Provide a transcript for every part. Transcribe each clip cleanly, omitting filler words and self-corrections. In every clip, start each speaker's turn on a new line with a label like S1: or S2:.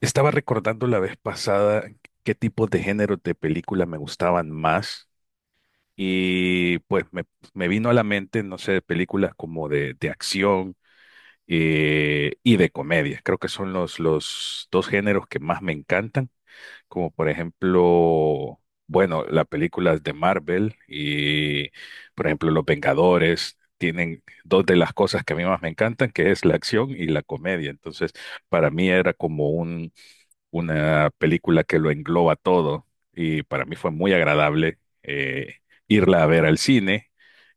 S1: Estaba recordando la vez pasada qué tipos de géneros de películas me gustaban más y me vino a la mente, no sé, películas como de acción y de comedia. Creo que son los dos géneros que más me encantan, como por ejemplo, bueno, las películas de Marvel y por ejemplo Los Vengadores. Tienen dos de las cosas que a mí más me encantan, que es la acción y la comedia. Entonces, para mí era como un, una película que lo engloba todo y para mí fue muy agradable, irla a ver al cine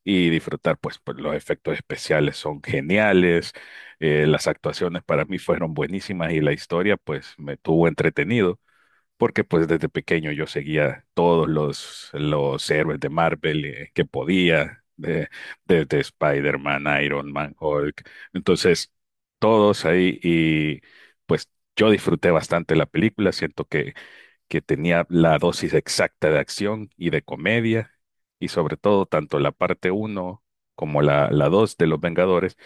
S1: y disfrutar, pues los efectos especiales son geniales. Las actuaciones para mí fueron buenísimas y la historia pues me tuvo entretenido porque pues desde pequeño yo seguía todos los héroes de Marvel, que podía, de Spider-Man, Iron Man, Hulk. Entonces, todos ahí, y pues yo disfruté bastante la película. Siento que tenía la dosis exacta de acción y de comedia, y sobre todo tanto la parte uno como la 2 de Los Vengadores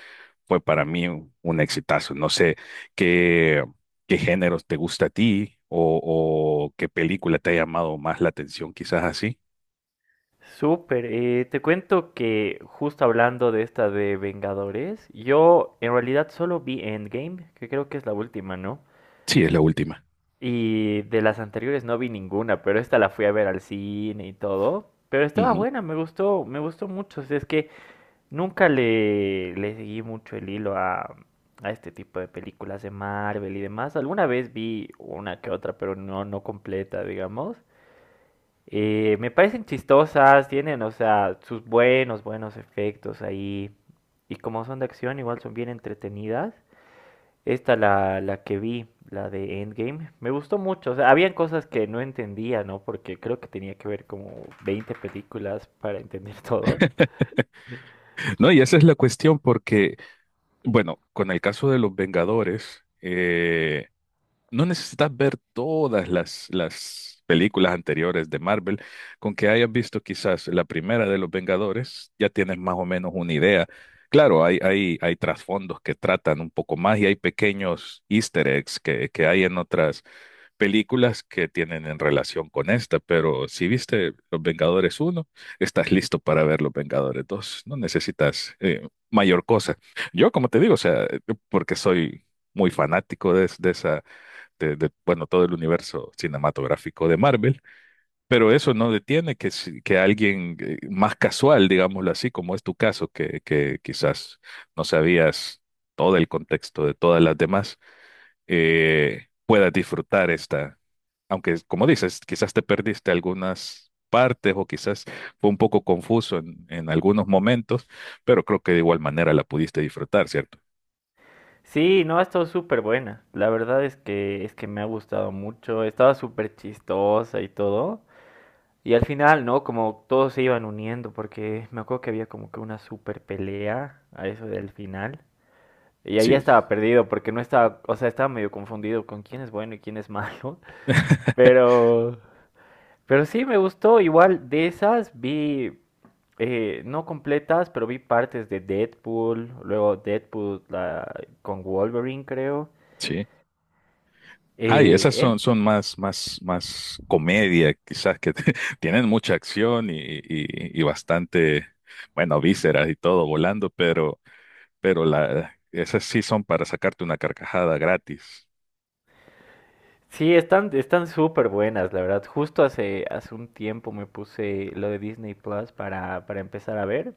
S1: fue para mí un exitazo. No sé qué, qué géneros te gusta a ti, o qué película te ha llamado más la atención, quizás así.
S2: Súper, te cuento que justo hablando de esta de Vengadores, yo en realidad solo vi Endgame, que creo que es la última, ¿no?
S1: Sí, es la última.
S2: Y de las anteriores no vi ninguna, pero esta la fui a ver al cine y todo. Pero estaba
S1: Ujú.
S2: buena, me gustó mucho. O sea, es que nunca le seguí mucho el hilo a este tipo de películas de Marvel y demás. Alguna vez vi una que otra, pero no, no completa, digamos. Me parecen chistosas, tienen, o sea, sus buenos efectos ahí. Y como son de acción, igual son bien entretenidas. Esta, la que vi, la de Endgame, me gustó mucho. O sea, habían cosas que no entendía, ¿no? Porque creo que tenía que ver como 20 películas para entender todo.
S1: No, y esa es la cuestión porque, bueno, con el caso de los Vengadores, no necesitas ver todas las películas anteriores de Marvel. Con que hayas visto quizás la primera de Los Vengadores, ya tienes más o menos una idea. Claro, hay trasfondos que tratan un poco más, y hay pequeños easter eggs que hay en otras películas que tienen en relación con esta, pero si viste Los Vengadores uno, estás listo para ver Los Vengadores 2. No necesitas, mayor cosa. Yo, como te digo, o sea, porque soy muy fanático de esa, bueno, todo el universo cinematográfico de Marvel, pero eso no detiene que, que alguien, más casual, digámoslo así, como es tu caso, que quizás no sabías todo el contexto de todas las demás, puedas disfrutar esta, aunque como dices, quizás te perdiste algunas partes o quizás fue un poco confuso en algunos momentos, pero creo que de igual manera la pudiste disfrutar, ¿cierto?
S2: Sí, no, ha estado súper buena. La verdad es es que me ha gustado mucho. Estaba súper chistosa y todo. Y al final, ¿no? Como todos se iban uniendo, porque me acuerdo que había como que una super pelea a eso del final. Y ahí ya
S1: Sí,
S2: estaba perdido, porque no estaba, o sea, estaba medio confundido con quién es bueno y quién es malo. Pero, pero sí me gustó. Igual de esas vi, no completas, pero vi partes de Deadpool, luego con Wolverine, creo.
S1: sí. Ay,
S2: Eh,
S1: esas son,
S2: esas.
S1: más comedia, quizás, que te- tienen mucha acción y, y bastante, bueno, vísceras y todo volando, pero, esas sí son para sacarte una carcajada gratis.
S2: Sí, están, están súper buenas, la verdad. Justo hace, hace un tiempo me puse lo de Disney Plus para empezar a ver,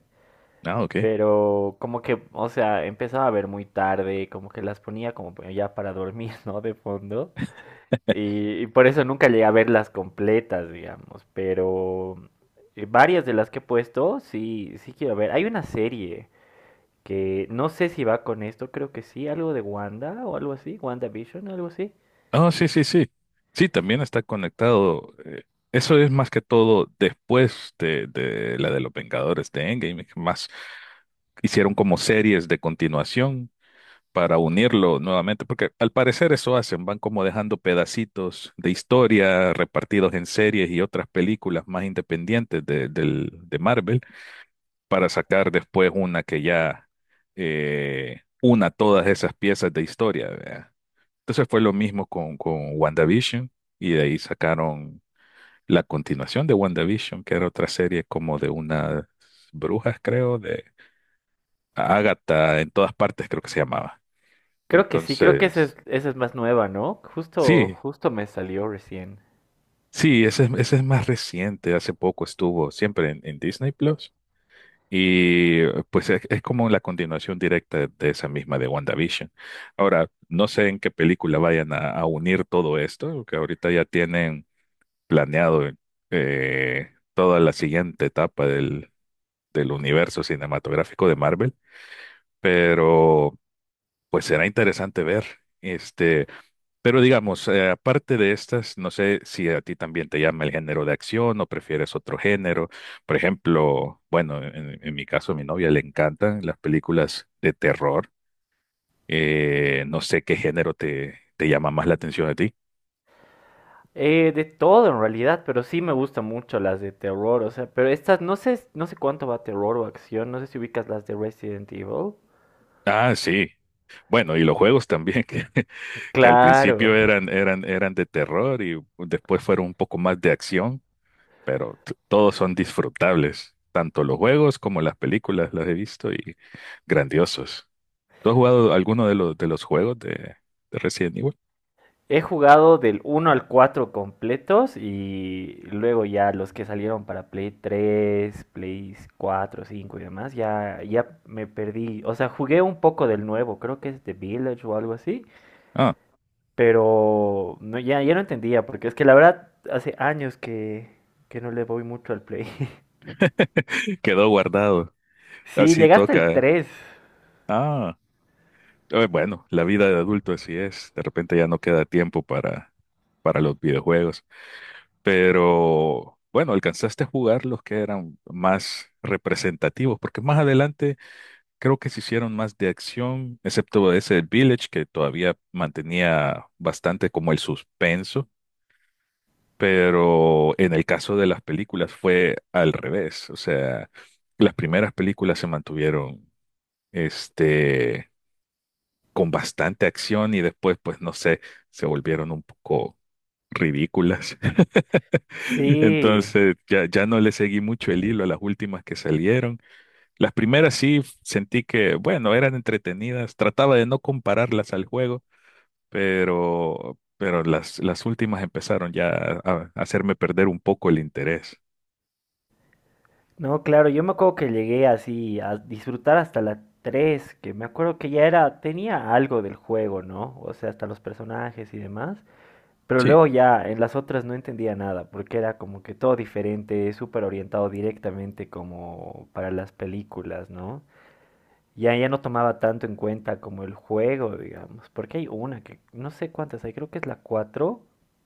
S1: Ah, ok.
S2: pero como que, o sea, empezaba a ver muy tarde, como que las ponía como ya para dormir, ¿no? De fondo. Y por eso nunca llegué a verlas completas, digamos, pero varias de las que he puesto, sí, sí quiero ver. Hay una serie que no sé si va con esto, creo que sí, algo de Wanda o algo así, WandaVision, algo así.
S1: Oh, sí, sí, sí. Sí, también está conectado. Eso es más que todo después de la de los Vengadores de Endgame, que más hicieron como series de continuación para unirlo nuevamente, porque al parecer eso hacen, van como dejando pedacitos de historia repartidos en series y otras películas más independientes de Marvel, para sacar después una que ya, una todas esas piezas de historia, ¿verdad? Entonces fue lo mismo con WandaVision, y de ahí sacaron la continuación de WandaVision, que era otra serie como de unas brujas, creo, de Agatha en todas partes, creo que se llamaba.
S2: Creo que sí, creo que esa
S1: Entonces...
S2: esa es más nueva, ¿no? Justo,
S1: Sí,
S2: justo me salió recién.
S1: sí, ese es más reciente. Hace poco estuvo siempre en Disney Plus, y pues es como la continuación directa de esa misma de WandaVision. Ahora, no sé en qué película vayan a unir todo esto, que ahorita ya tienen planeado, toda la siguiente etapa del universo cinematográfico de Marvel, pero pues será interesante ver. Este, pero digamos, aparte de estas, no sé si a ti también te llama el género de acción o prefieres otro género. Por ejemplo, bueno, en mi caso, a mi novia le encantan las películas de terror. No sé qué género te llama más la atención a ti.
S2: De todo en realidad, pero sí me gustan mucho las de terror, o sea, pero estas no sé, no sé cuánto va terror o acción, no sé si ubicas las de Resident Evil.
S1: Ah, sí. Bueno, y los juegos también, que, que al
S2: Claro.
S1: principio eran de terror y después fueron un poco más de acción, pero todos son disfrutables. Tanto los juegos como las películas las he visto, y grandiosos. ¿Tú has jugado alguno de de los juegos de Resident Evil?
S2: He jugado del uno al 4 completos y luego ya los que salieron para Play 3, Play 4, 5 y demás, ya, ya me perdí. O sea, jugué un poco del nuevo, creo que es The Village o algo así.
S1: Ah,
S2: Pero no, ya, ya no entendía, porque es que la verdad hace años que no le voy mucho al Play.
S1: quedó guardado.
S2: Sí,
S1: Así
S2: llegaste el
S1: toca.
S2: tres.
S1: Ah, bueno, la vida de adulto así es. De repente ya no queda tiempo para los videojuegos. Pero bueno, alcanzaste a jugar los que eran más representativos, porque más adelante creo que se hicieron más de acción, excepto ese Village, que todavía mantenía bastante como el suspenso. Pero en el caso de las películas fue al revés. O sea, las primeras películas se mantuvieron, este, con bastante acción, y después, pues no sé, se volvieron un poco ridículas.
S2: Sí.
S1: Entonces, ya, ya no le seguí mucho el hilo a las últimas que salieron. Las primeras sí sentí que, bueno, eran entretenidas. Trataba de no compararlas al juego, pero las últimas empezaron ya a hacerme perder un poco el interés.
S2: No, claro, yo me acuerdo que llegué así a disfrutar hasta la 3 que me acuerdo que ya era, tenía algo del juego, ¿no? O sea, hasta los personajes y demás. Pero
S1: Sí.
S2: luego ya en las otras no entendía nada, porque era como que todo diferente, súper orientado directamente como para las películas, ¿no? Ya, ya no tomaba tanto en cuenta como el juego, digamos, porque hay una que no sé cuántas hay, creo que es la 4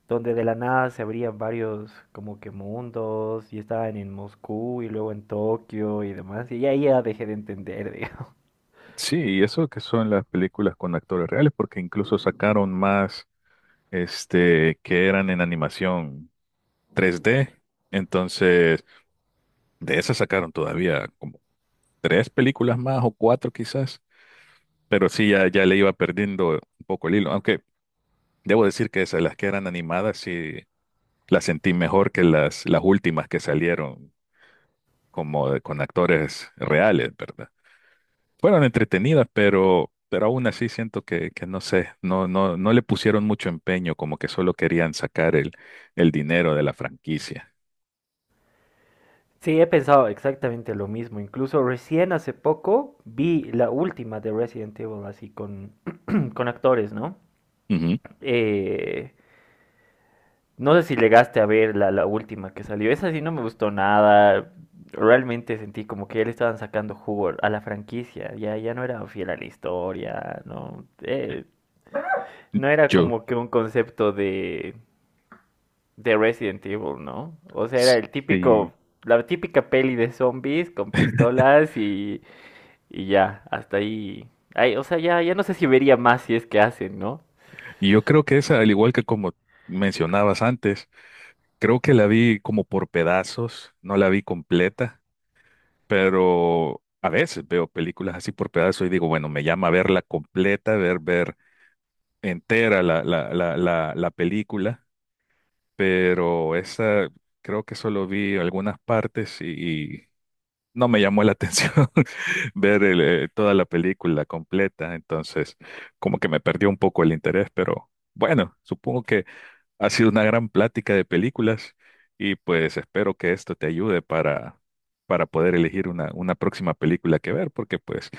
S2: donde de la nada se abrían varios como que mundos y estaban en Moscú y luego en Tokio y demás, y ahí ya dejé de entender, digamos.
S1: Sí, y eso que son las películas con actores reales, porque incluso sacaron más, este, que eran en animación 3D. Entonces, de esas sacaron todavía como tres películas más o cuatro quizás, pero sí, ya, ya le iba perdiendo un poco el hilo. Aunque debo decir que esas, las que eran animadas, sí las sentí mejor que las últimas que salieron como con actores reales, ¿verdad? Fueron entretenidas, pero aún así siento que no sé, no le pusieron mucho empeño, como que solo querían sacar el dinero de la franquicia.
S2: Sí, he pensado exactamente lo mismo, incluso recién hace poco vi la última de Resident Evil así con, con actores, ¿no?
S1: Ujú.
S2: Eh, No sé si llegaste a ver la última que salió. Esa sí no me gustó nada. Realmente sentí como que ya le estaban sacando jugo a la franquicia. Ya, ya no era fiel a la historia. No, no era
S1: Yo,
S2: como que un concepto de Resident Evil, ¿no? O sea, era el
S1: sí.
S2: típico, la típica peli de zombies con pistolas y ya, hasta ahí. Ay, o sea, ya, ya no sé si vería más si es que hacen, ¿no?
S1: Y yo creo que esa, al igual que como mencionabas antes, creo que la vi como por pedazos, no la vi completa, pero a veces veo películas así por pedazos y digo, bueno, me llama a verla completa, ver entera la película, pero esa creo que solo vi algunas partes, y no me llamó la atención ver toda la película completa. Entonces, como que me perdió un poco el interés, pero bueno, supongo que ha sido una gran plática de películas, y pues espero que esto te ayude para poder elegir una próxima película que ver, porque pues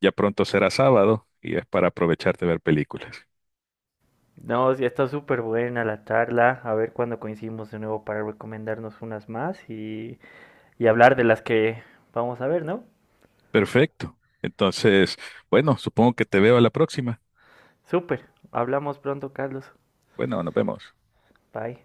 S1: ya pronto será sábado y es para aprovechar de ver películas.
S2: No, sí, está súper buena la charla. A ver cuándo coincidimos de nuevo para recomendarnos unas más y hablar de las que vamos a ver, ¿no?
S1: Perfecto. Entonces, bueno, supongo que te veo a la próxima.
S2: Súper. Hablamos pronto, Carlos.
S1: Bueno, nos vemos.
S2: Bye.